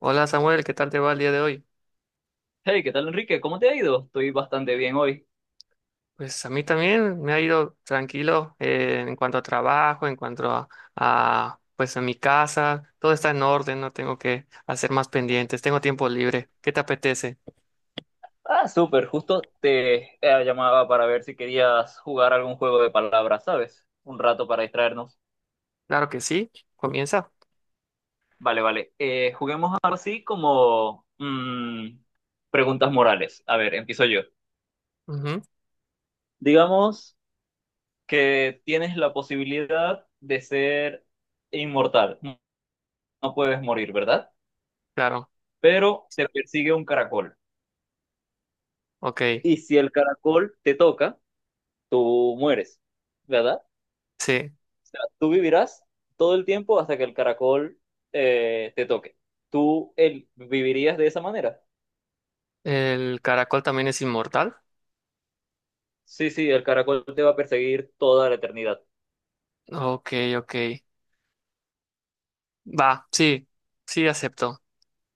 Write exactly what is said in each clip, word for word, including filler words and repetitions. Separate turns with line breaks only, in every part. Hola Samuel, ¿qué tal te va el día de hoy?
Hey, ¿qué tal, Enrique? ¿Cómo te ha ido? Estoy bastante bien hoy.
Pues a mí también me ha ido tranquilo eh, en cuanto a trabajo, en cuanto a, a, pues en mi casa, todo está en orden, no tengo que hacer más pendientes, tengo tiempo libre. ¿Qué te apetece?
Ah, súper, justo te eh, llamaba para ver si querías jugar algún juego de palabras, ¿sabes? Un rato para distraernos.
Claro que sí, comienza.
Vale, vale. Eh, juguemos ahora sí como mm, preguntas morales. A ver, empiezo yo.
Ujú,
Digamos que tienes la posibilidad de ser inmortal. No no puedes morir, ¿verdad?
claro,
Pero te persigue un caracol.
ok,
Y si el caracol te toca, tú mueres, ¿verdad?
sí.
Sea, tú vivirás todo el tiempo hasta que el caracol eh, te toque. ¿Tú el, vivirías de esa manera?
¿El caracol también es inmortal?
Sí, sí, el caracol te va a perseguir toda la eternidad.
Ok, ok. Va, sí, sí acepto.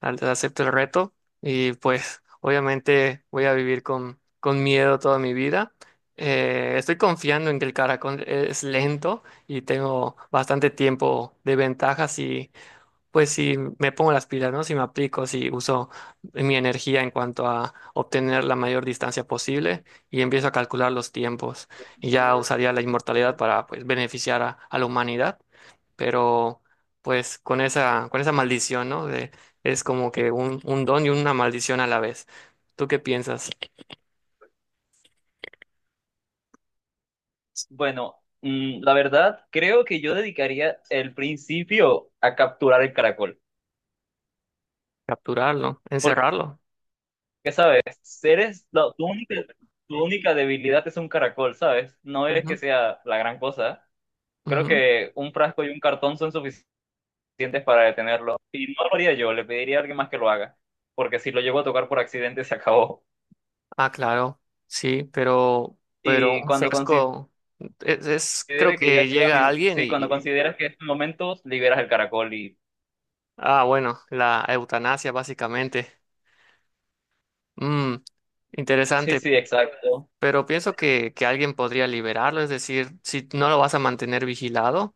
Antes acepto el reto y pues obviamente voy a vivir con, con miedo toda mi vida. Eh, estoy confiando en que el caracol e, es lento y tengo bastante tiempo de ventaja, si pues si me pongo las pilas, ¿no? Si me aplico, si uso mi energía en cuanto a obtener la mayor distancia posible y empiezo a calcular los tiempos. Y ya usaría la inmortalidad para pues beneficiar a, a la humanidad, pero pues con esa, con esa maldición, ¿no? De, es como que un, un don y una maldición a la vez. ¿Tú qué piensas?
Bueno, mm, la verdad, creo que yo dedicaría el principio a capturar el caracol.
¿Capturarlo?
Porque,
¿Encerrarlo?
¿sabes? Eres, la- tu única, tu única debilidad es un caracol, ¿sabes? No eres que
Ujú,
sea la gran cosa. Creo
ujú.
que un frasco y un cartón son suficientes. Suficientes para detenerlo. Y no lo haría yo, le pediría a alguien más que lo haga, porque si lo llego a tocar por accidente se acabó.
Ah, claro, sí, pero, pero
Y
un
cuando considere
frasco es, es- creo
que ya
que llega
llega mi...
alguien
Sí, cuando
y,
consideras que es tu momento, liberas el caracol y...
ah, bueno, la eutanasia básicamente. Mm,
Sí,
interesante,
sí, exacto.
pero pienso que, que alguien podría liberarlo, es decir, si no lo vas a mantener vigilado.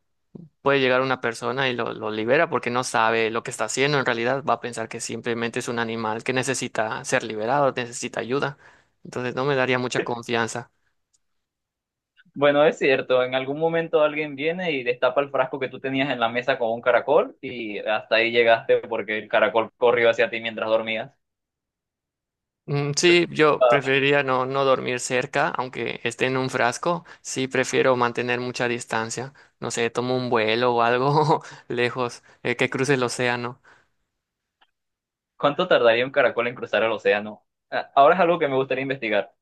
Puede llegar una persona y lo, lo libera porque no sabe lo que está haciendo. En realidad va a pensar que simplemente es un animal que necesita ser liberado, necesita ayuda. Entonces no me daría mucha confianza.
Bueno, es cierto, en algún momento alguien viene y destapa el frasco que tú tenías en la mesa con un caracol y hasta ahí llegaste porque el caracol corrió hacia ti mientras dormías.
Mm, sí, yo
Ah,
preferiría no, no dormir cerca, aunque esté en un frasco. Sí, prefiero mantener mucha distancia. No sé, tomo un vuelo o algo lejos, eh, que cruce el océano.
¿cuánto tardaría un caracol en cruzar el océano? Ah, ahora es algo que me gustaría investigar,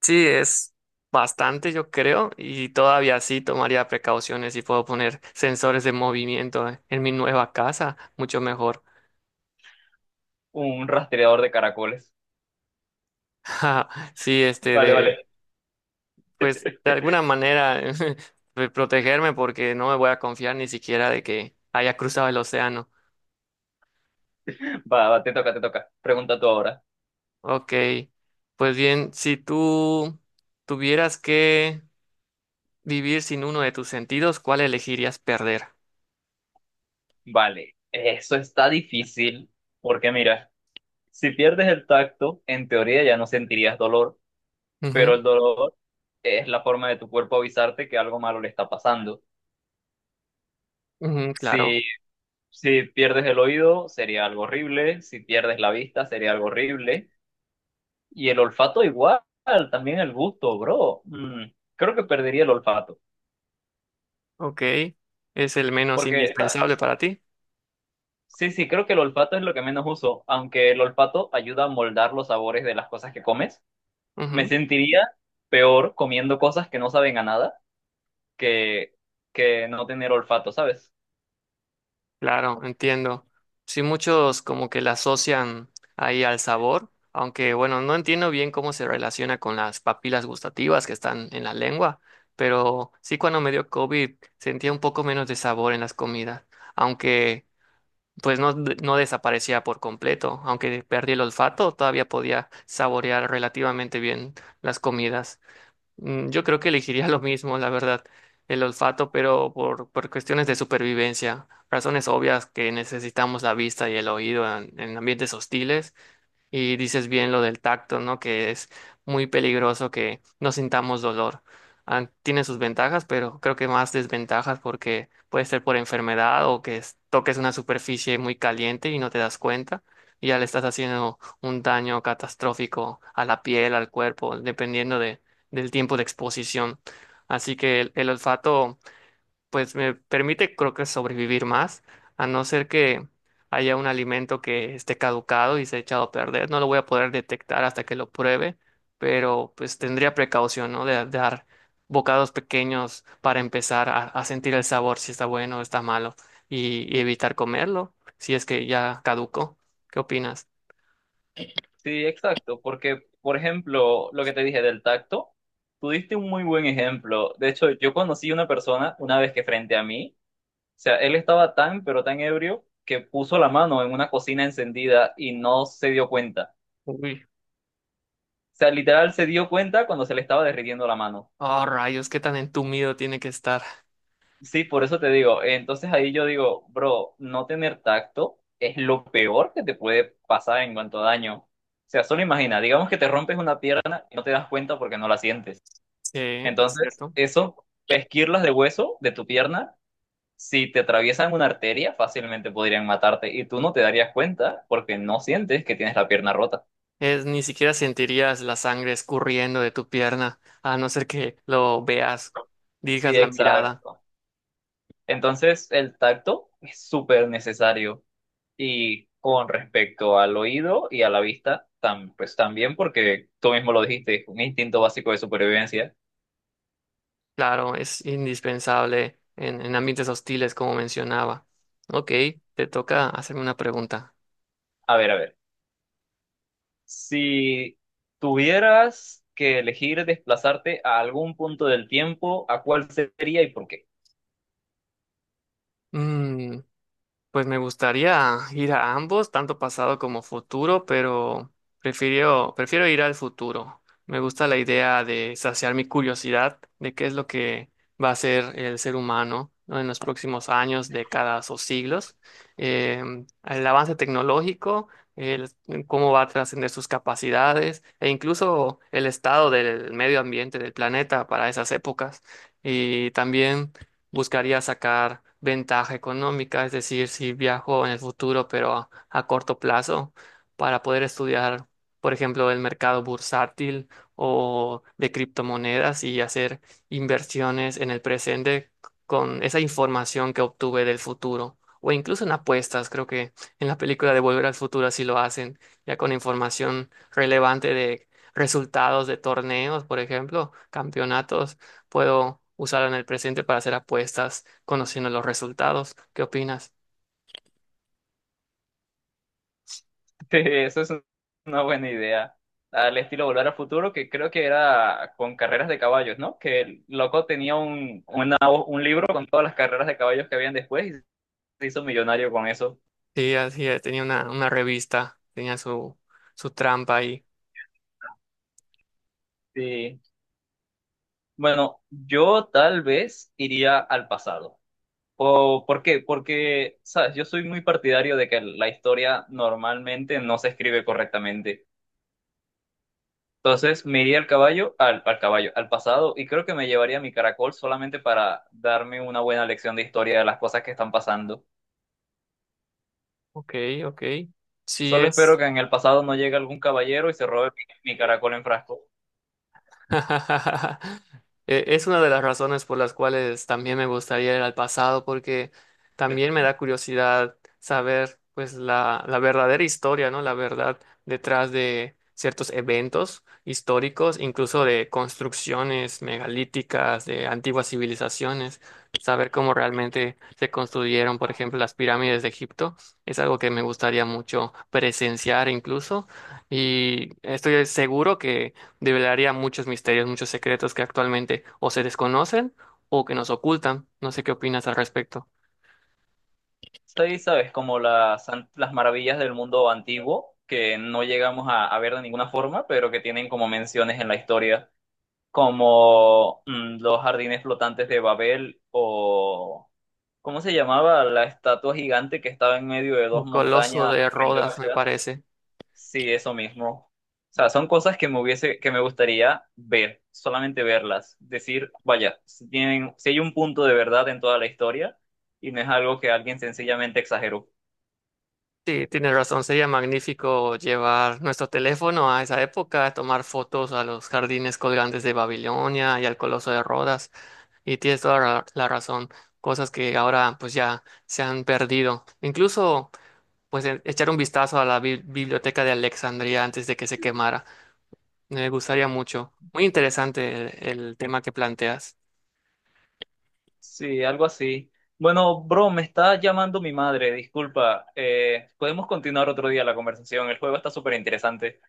Sí, es bastante, yo creo, y todavía sí tomaría precauciones y puedo poner sensores de movimiento en mi nueva casa, mucho mejor.
un rastreador de caracoles.
Ja, sí, este
Vale,
de,
vale.
pues de alguna manera de protegerme porque no me voy a confiar ni siquiera de que haya cruzado el océano.
Va, va, te toca, te toca. Pregunta tú ahora.
Ok, pues bien, si tú tuvieras que vivir sin uno de tus sentidos, ¿cuál elegirías perder?
Vale, eso está difícil porque mira, si pierdes el tacto, en teoría ya no sentirías dolor, pero
Ujú,
el dolor es la forma de tu cuerpo avisarte que algo malo le está pasando.
ujú, claro.
Si, si pierdes el oído, sería algo horrible, si pierdes la vista, sería algo horrible, y el olfato igual, también el gusto, bro. Mm, creo que perdería el olfato,
Ok, es el menos
porque
indispensable para ti.
sí, sí, creo que el olfato es lo que menos uso, aunque el olfato ayuda a moldar los sabores de las cosas que comes. Me
Ujú,
sentiría peor comiendo cosas que no saben a nada que, que no tener olfato, ¿sabes?
claro, entiendo. Sí, muchos como que la asocian ahí al sabor, aunque bueno, no entiendo bien cómo se relaciona con las papilas gustativas que están en la lengua, pero sí cuando me dio cóvid sentía un poco menos de sabor en las comidas, aunque pues no, de- no desaparecía por completo, aunque perdí el olfato, todavía podía saborear relativamente bien las comidas. Mm, yo creo que elegiría lo mismo, la verdad, el olfato, pero por, por cuestiones de supervivencia, razones obvias que necesitamos la vista y el oído en, en ambientes hostiles, y dices bien lo del tacto, ¿no? Que es muy peligroso que no sintamos dolor. Ah, tiene sus ventajas, pero creo que más desventajas porque puede ser por enfermedad o que es- toques una superficie muy caliente y no te das cuenta. Y ya le estás haciendo un daño catastrófico a la piel, al cuerpo, dependiendo de, del tiempo de exposición. Así que el, el olfato pues me permite creo que sobrevivir más, a no ser que haya un alimento que esté caducado y se ha echado a perder. No lo voy a poder detectar hasta que lo pruebe, pero pues tendría precaución, ¿no? De, dar bocados pequeños para empezar a, a sentir el sabor, si está bueno o está malo, y, y evitar comerlo, si es que ya caducó. ¿Qué opinas?
Sí, exacto, porque, por ejemplo, lo que te dije del tacto, tú diste un muy buen ejemplo. De hecho, yo conocí una persona una vez que frente a mí, o sea, él estaba tan, pero tan ebrio que puso la mano en una cocina encendida y no se dio cuenta.
Uy.
O sea, literal se dio cuenta cuando se le estaba derritiendo la mano.
Oh, rayos, qué tan entumido tiene que estar.
Sí, por eso te digo. Entonces ahí yo digo, bro, no tener tacto es lo peor que te puede pasar en cuanto a daño. O sea, solo imagina, digamos que te rompes una pierna y no te das cuenta porque no la sientes.
Sí,
Entonces,
¿cierto?
eso, esquirlas de hueso de tu pierna, si te atraviesan una arteria, fácilmente podrían matarte y tú no te darías cuenta porque no sientes que tienes la pierna rota.
Es, ni siquiera sentirías la sangre escurriendo de tu pierna, a no ser que lo veas,
Sí,
dirijas la mirada.
exacto. Entonces, el tacto es súper necesario. Y con respecto al oído y a la vista, tam- pues también, porque tú mismo lo dijiste, es un instinto básico de supervivencia.
Claro, es indispensable en, en ambientes hostiles, como mencionaba. Ok, te toca hacerme una pregunta.
A ver, a ver, si tuvieras que elegir desplazarte a algún punto del tiempo, ¿a cuál sería y por qué?
Mm, pues me gustaría ir a ambos, tanto pasado como futuro, pero prefiero, prefiero ir al futuro. Me gusta la idea de saciar mi curiosidad de qué es lo que va a ser el ser humano, ¿no? En los próximos años, décadas o siglos. Eh, el avance tecnológico, el- cómo va a trascender sus capacidades e incluso el estado del medio ambiente del planeta para esas épocas. Y también buscaría sacar ventaja económica, es decir, si viajo en el futuro, pero a, a corto plazo, para poder estudiar, por ejemplo, el mercado bursátil o de criptomonedas y hacer inversiones en el presente con esa información que obtuve del futuro. O incluso en apuestas, creo que en la película de Volver al Futuro así lo hacen, ya con información relevante de resultados de torneos, por ejemplo, campeonatos. Puedo usarlo en el presente para hacer apuestas, conociendo los resultados. ¿Qué opinas?
Eso es una buena idea. Al estilo Volver al Futuro, que creo que era con carreras de caballos, ¿no? Que el loco tenía un, una- un libro con todas las carreras de caballos que habían después y se hizo millonario con eso.
Sí, así es. Tenía una, una revista, tenía su, su trampa ahí.
Sí. Bueno, yo tal vez iría al pasado. ¿O por qué? Porque, sabes, yo soy muy partidario de que la historia normalmente no se escribe correctamente. Entonces, me iría al caballo, al, al caballo, al pasado, y creo que me llevaría mi caracol solamente para darme una buena lección de historia de las cosas que están pasando.
Ok, ok. Sí
Solo espero
es.
que en el pasado no llegue algún caballero y se robe mi, mi caracol en frasco.
E- Es una de las razones por las cuales también me gustaría ir al pasado, porque también me da curiosidad saber pues la, la verdadera historia, ¿no? La verdad detrás de ciertos eventos históricos, incluso de construcciones megalíticas, de antiguas civilizaciones, saber cómo realmente se construyeron, por ejemplo, las pirámides de Egipto, es algo que me gustaría mucho presenciar incluso, y estoy seguro que develaría muchos misterios, muchos secretos que actualmente o se desconocen o que nos ocultan. No sé qué opinas al respecto.
Sí, sabes, como las, an- las maravillas del mundo antiguo, que no llegamos a, a ver de ninguna forma, pero que tienen como menciones en la historia, como mm, los jardines flotantes de Babel o, ¿cómo se llamaba? La estatua gigante que estaba en medio de
Un
dos
coloso
montañas
de
frente a una
Rodas, me
ciudad.
parece.
Sí, eso mismo. O sea, son cosas que me hubiese, que me gustaría ver, solamente verlas, decir, vaya, si tienen, si hay un punto de verdad en toda la historia y no es algo que alguien sencillamente exageró.
Sí, tienes razón, sería magnífico llevar nuestro teléfono a esa época, tomar fotos a los jardines colgantes de Babilonia y al Coloso de Rodas. Y tienes toda ra- la razón, cosas que ahora pues ya se han perdido. Incluso pues e- echar un vistazo a la bi- biblioteca de Alejandría antes de que se quemara. Me gustaría mucho. Muy interesante el, el tema que planteas.
Sí, algo así. Bueno, bro, me está llamando mi madre, disculpa. Eh, podemos continuar otro día la conversación. El juego está súper interesante.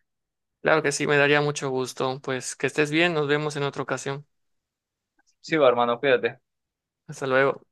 Claro que sí, me daría mucho gusto. Pues que estés bien, nos vemos en otra ocasión.
Sí, va, hermano, cuídate.
Hasta luego.